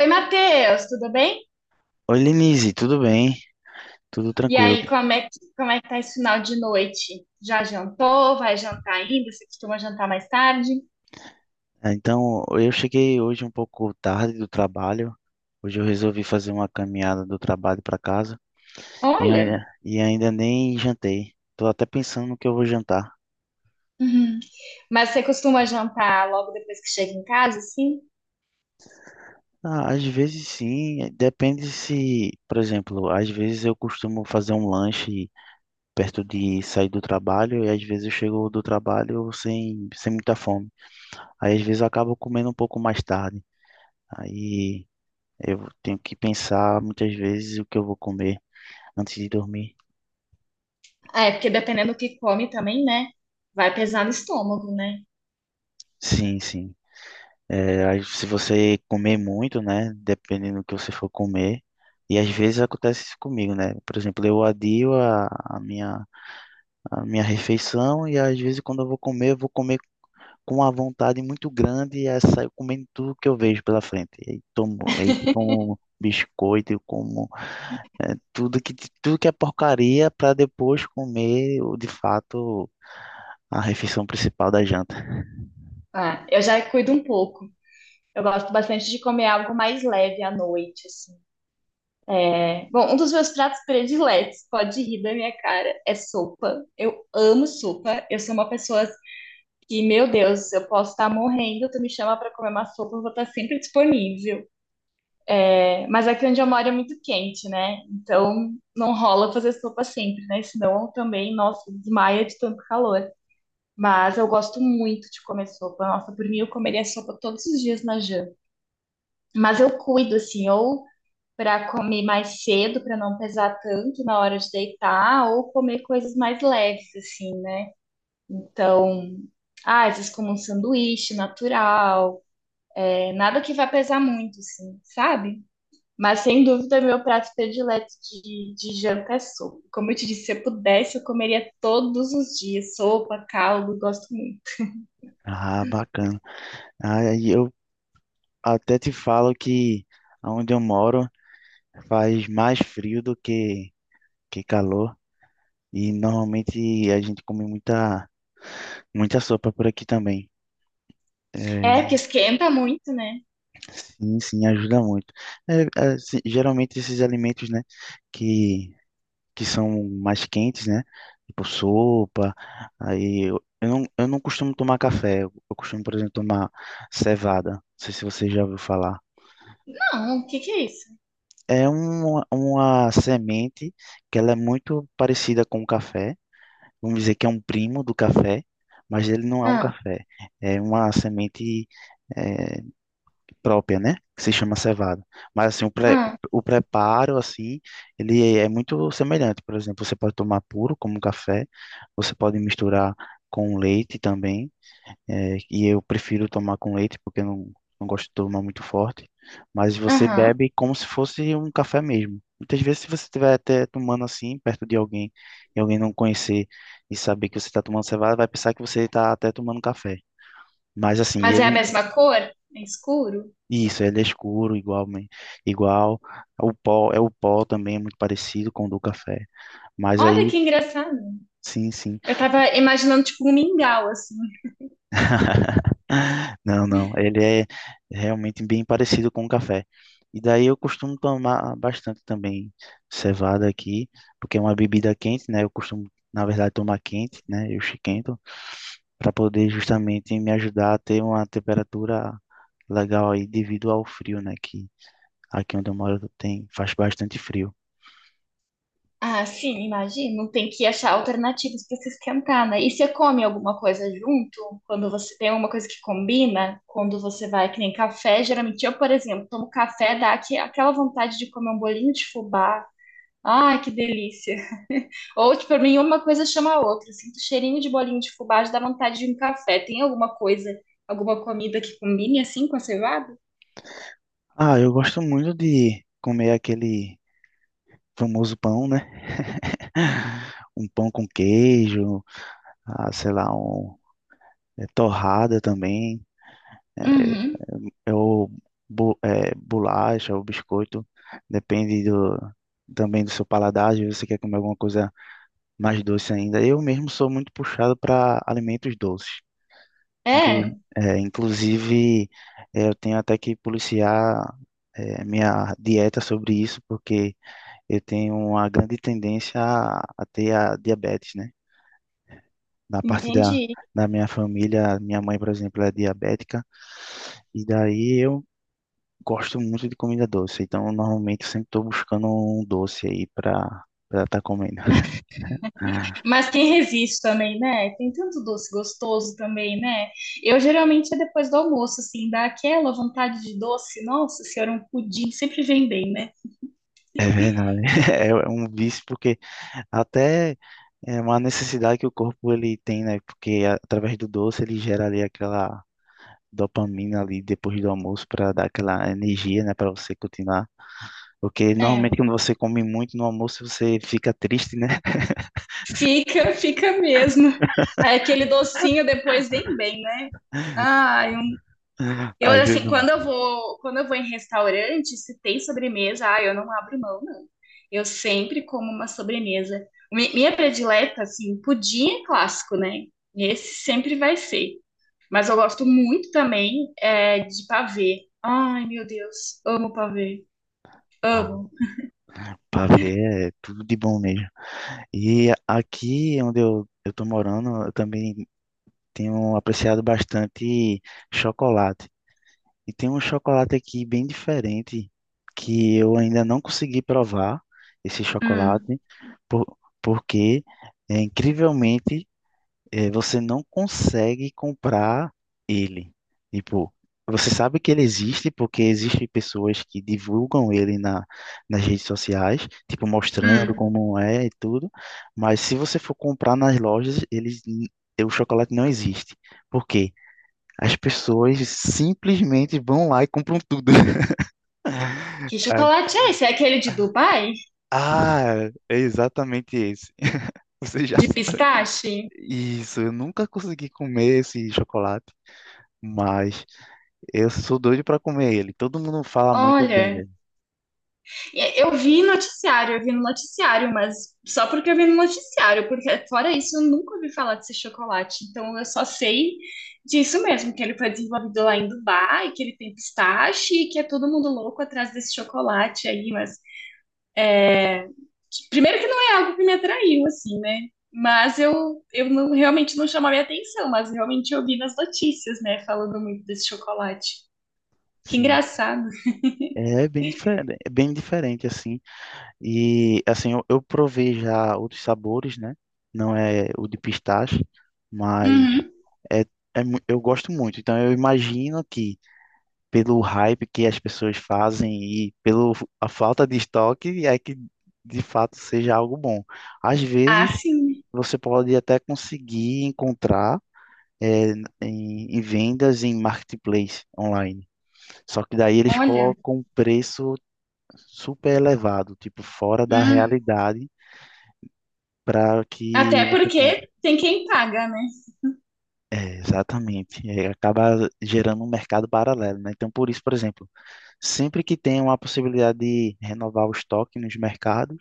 Oi, Matheus, tudo bem? Oi, Lenise, tudo bem? Tudo E tranquilo. aí, como é que tá esse final de noite? Já jantou? Vai jantar ainda? Você costuma jantar mais tarde? Então, eu cheguei hoje um pouco tarde do trabalho. Hoje eu resolvi fazer uma caminhada do trabalho para casa Olha, e ainda nem jantei. Tô até pensando no que eu vou jantar. uhum. Mas você costuma jantar logo depois que chega em casa, sim? Ah, às vezes sim, depende se, por exemplo, às vezes eu costumo fazer um lanche perto de sair do trabalho e às vezes eu chego do trabalho sem muita fome. Aí às vezes eu acabo comendo um pouco mais tarde. Aí, eu tenho que pensar muitas vezes o que eu vou comer antes de dormir. É, porque dependendo do que come também, né? Vai pesar no estômago, né? Sim, sim. É, aí se você comer muito, né? Dependendo do que você for comer. E às vezes acontece isso comigo, né? Por exemplo, eu adio a minha refeição e às vezes quando eu vou comer com uma vontade muito grande e aí saio comendo tudo que eu vejo pela frente. E tomo leite, como biscoito, eu como é, tudo que, tudo que é porcaria para depois comer, de fato, a refeição principal da janta. Ah, eu já cuido um pouco. Eu gosto bastante de comer algo mais leve à noite, assim, né? Bom, um dos meus pratos prediletos, pode rir da minha cara, é sopa. Eu amo sopa. Eu sou uma pessoa... E, meu Deus, eu posso estar morrendo, tu me chama para comer uma sopa, eu vou estar sempre disponível. É, mas aqui onde eu moro é muito quente, né? Então não rola fazer sopa sempre, né? Senão também, nossa, desmaia de tanto calor. Mas eu gosto muito de comer sopa. Nossa, por mim eu comeria sopa todos os dias na janta. Mas eu cuido, assim, ou para comer mais cedo, para não pesar tanto na hora de deitar, ou comer coisas mais leves, assim, né? Então, às vezes como um sanduíche natural. É nada que vai pesar muito, assim, sabe? Mas sem dúvida, meu prato predileto de janta é sopa. Como eu te disse, se eu pudesse, eu comeria todos os dias. Sopa, caldo, gosto muito. Ah, bacana. Aí eu até te falo que onde eu moro faz mais frio do que calor. E normalmente a gente come muita, muita sopa por aqui também. É, porque É, esquenta muito, né? sim, sim, ajuda muito. É, é, geralmente esses alimentos, né, que, que são mais quentes, né, tipo sopa, aí eu não costumo tomar café, eu costumo, por exemplo, tomar cevada. Não sei se você já ouviu falar. Não, o que que é isso? É um, uma semente que ela é muito parecida com o café. Vamos dizer que é um primo do café, mas ele não é um Ah, café. É uma semente eh, própria, né? Que se chama cevada. Mas assim, ah, o preparo, assim, ele é muito semelhante. Por exemplo, você pode tomar puro como café. Você pode misturar com leite também. É, e eu prefiro tomar com leite, porque eu não, não gosto de tomar muito forte. Mas você aham. bebe como se fosse um café mesmo. Muitas vezes, se você estiver até tomando assim, perto de alguém, e alguém não conhecer e saber que você está tomando cevada, vai pensar que você está até tomando café. Mas assim, Mas é a ele, mesma cor? É escuro? isso, ele é escuro, igual, igual. O pó, é o pó também, é muito parecido com o do café. Mas Olha que aí, engraçado. sim, sim. Eu tava imaginando, tipo, um mingau, assim. Não, não. Ele é realmente bem parecido com o café. E daí eu costumo tomar bastante também cevada aqui, porque é uma bebida quente, né? Eu costumo, na verdade, tomar quente, né? Eu esquento, para poder justamente me ajudar a ter uma temperatura legal aí devido ao frio, né? Que aqui onde eu moro tem, faz bastante frio. Ah, sim, imagino. Tem que achar alternativas para se esquentar, né? E você come alguma coisa junto? Quando você tem alguma coisa que combina, quando você vai, que nem café, geralmente eu, por exemplo, tomo café, dá aquela vontade de comer um bolinho de fubá. Ai, que delícia. Ou, tipo, pra mim, uma coisa chama a outra. Eu sinto cheirinho de bolinho de fubá, já dá vontade de um café. Tem alguma coisa, alguma comida que combine assim com a cevada? Ah, eu gosto muito de comer aquele famoso pão, né? Um pão com queijo, ah, sei lá, um torrada também, é, Uhum. é o bolacha, o biscoito, depende do, também do seu paladar, se você quer comer alguma coisa mais doce ainda. Eu mesmo sou muito puxado para alimentos doces. Inclu É, inclusive, eu tenho até que policiar minha dieta sobre isso, porque eu tenho uma grande tendência a ter a diabetes, né? Da parte entendi. da minha família, minha mãe, por exemplo, é diabética, e daí eu gosto muito de comida doce, então normalmente eu sempre estou buscando um doce aí para estar comendo. Mas quem resiste também, né? Tem tanto doce gostoso também, né? Eu geralmente é depois do almoço, assim, dá aquela vontade de doce. Nossa senhora, um pudim sempre vem bem, né? É verdade, é um vício porque até é uma necessidade que o corpo ele tem, né? Porque através do doce ele gera ali aquela dopamina ali depois do almoço para dar aquela energia, né, para você continuar. Porque É, normalmente quando você come muito no almoço você fica triste, né? fica, fica mesmo. Aquele docinho depois vem bem, né? Ai, um- eu assim, Ajuda. Quando eu vou em restaurante, se tem sobremesa, ai, eu não abro mão, não. Eu sempre como uma sobremesa. Mi- Minha predileta, assim, pudim é clássico, né? Esse sempre vai ser. Mas eu gosto muito também é, de pavê. Ai, meu Deus, amo pavê. Ah, Amo. pavê é tudo de bom mesmo. E aqui onde eu tô morando, eu também tenho apreciado bastante chocolate. E tem um chocolate aqui bem diferente que eu ainda não consegui provar esse Hum, chocolate, porque é, incrivelmente você não consegue comprar ele. Tipo, você sabe que ele existe porque existem pessoas que divulgam ele nas redes sociais, tipo, mostrando uhum. hum. Como é e tudo. Mas se você for comprar nas lojas, o chocolate não existe. Por quê? As pessoas simplesmente vão lá e compram tudo. Que Ai. chocolate é esse? É aquele de Dubai? Ah, é exatamente esse. Você já De sabe. pistache? Isso, eu nunca consegui comer esse chocolate, mas eu sou doido pra comer ele. Todo mundo fala muito bem Olha, dele. e- eu vi noticiário, eu vi no noticiário, mas só porque eu vi no noticiário, porque fora isso eu nunca ouvi falar desse chocolate. Então eu só sei disso mesmo, que ele foi desenvolvido lá em Dubai, que ele tem pistache, e que é todo mundo louco atrás desse chocolate aí, mas que- primeiro que não é algo que me atraiu, assim, né? Mas eu não- realmente não chamou a minha atenção, mas realmente eu vi nas notícias, né? Falando muito desse chocolate. Que Sim, engraçado. É bem diferente assim. E assim, eu provei já outros sabores, né? Não é o de pistache, mas Uhum. é, eu gosto muito. Então eu imagino que pelo hype que as pessoas fazem e pelo a falta de estoque é que de fato seja algo bom. Às Ah, vezes sim. você pode até conseguir encontrar é, em vendas em marketplace online. Só que daí eles Olha. colocam um preço super elevado, tipo fora da Hum. realidade, para que Até você compre. porque tem quem paga, né? É, exatamente. É, acaba gerando um mercado paralelo, né? Então, por isso, por exemplo, sempre que tem uma possibilidade de renovar o estoque nos mercados,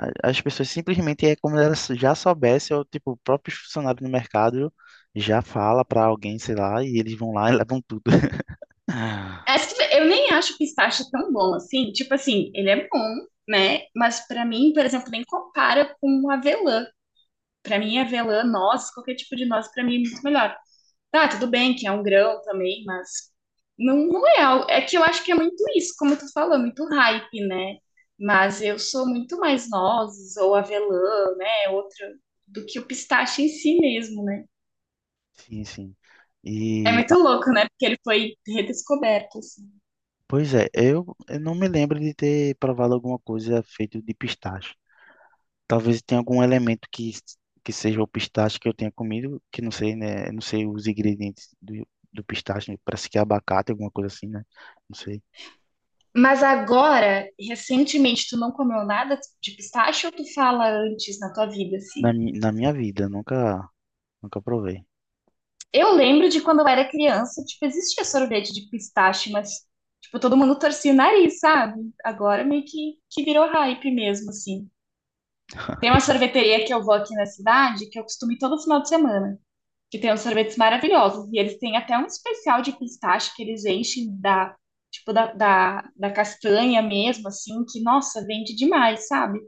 as pessoas simplesmente é como elas já soubessem, ou tipo, o próprio funcionário do mercado já fala para alguém, sei lá, e eles vão lá e levam tudo. Acho... Eu nem acho o pistache tão bom assim. Tipo assim, ele é bom, né? Mas pra mim, por exemplo, nem compara com avelã. Pra mim, avelã, noz, qualquer tipo de noz, pra mim é muito melhor. Tá, tudo bem que é um grão também, mas não, não é algo. É que eu acho que é muito isso, como tu falou, muito hype, né? Mas eu sou muito mais nozes ou avelã, né? Outra, do que o pistache em si mesmo, né? Sim, sim. É E, muito ah, louco, né? Porque ele foi redescoberto, assim. pois é, eu não me lembro de ter provado alguma coisa feita de pistache. Talvez tenha algum elemento que seja o pistache que eu tenha comido, que não sei, né? Não sei os ingredientes do, do pistache, né, parece que é abacate, alguma coisa assim, né? Não sei. Mas agora, recentemente, tu não comeu nada de pistache ou tu fala antes na tua vida, assim? Na minha vida, nunca, nunca provei. Eu lembro de quando eu era criança, tipo, existia sorvete de pistache, mas, tipo, todo mundo torcia o nariz, sabe? Agora meio que, virou hype mesmo, assim. Tem uma sorveteria que eu vou aqui na cidade, que eu costumo ir todo final de semana, que tem uns sorvetes maravilhosos. E eles têm até um especial de pistache que eles enchem da, tipo, da castanha mesmo, assim, que, nossa, vende demais, sabe?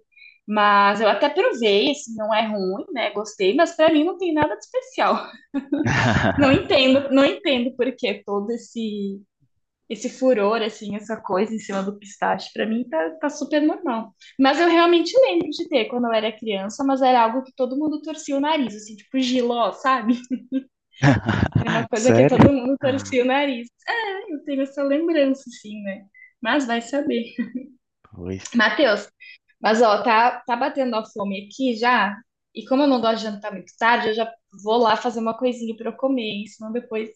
Mas eu até provei, assim, não é ruim, né? Gostei, mas pra mim não tem nada de especial. Não entendo, por que todo esse furor, assim, essa coisa em cima do pistache, pra mim tá, tá super normal. Mas eu realmente lembro de ter quando eu era criança, mas era algo que todo mundo torcia o nariz, assim, tipo giló, sabe? Era uma coisa que Sério? todo mundo torcia o nariz. Ah, eu tenho essa lembrança, assim, né? Mas vai saber. Pois. Matheus, mas, ó, tá, tá batendo a fome aqui já. E como eu não gosto de jantar muito tarde, eu já vou lá fazer uma coisinha pra eu comer, hein? Senão depois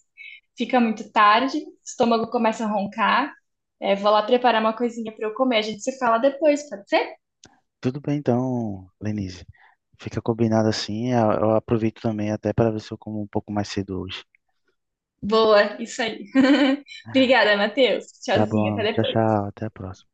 fica muito tarde, o estômago começa a roncar. É, vou lá preparar uma coisinha pra eu comer. A gente se fala depois, pode ser? Tudo bem então, Lenise. Fica combinado assim. Eu aproveito também até para ver se eu como um pouco mais cedo hoje. Boa, isso aí. Obrigada, Matheus. Tá Tchauzinho, até bom. Tchau, depois. tchau. Até a próxima.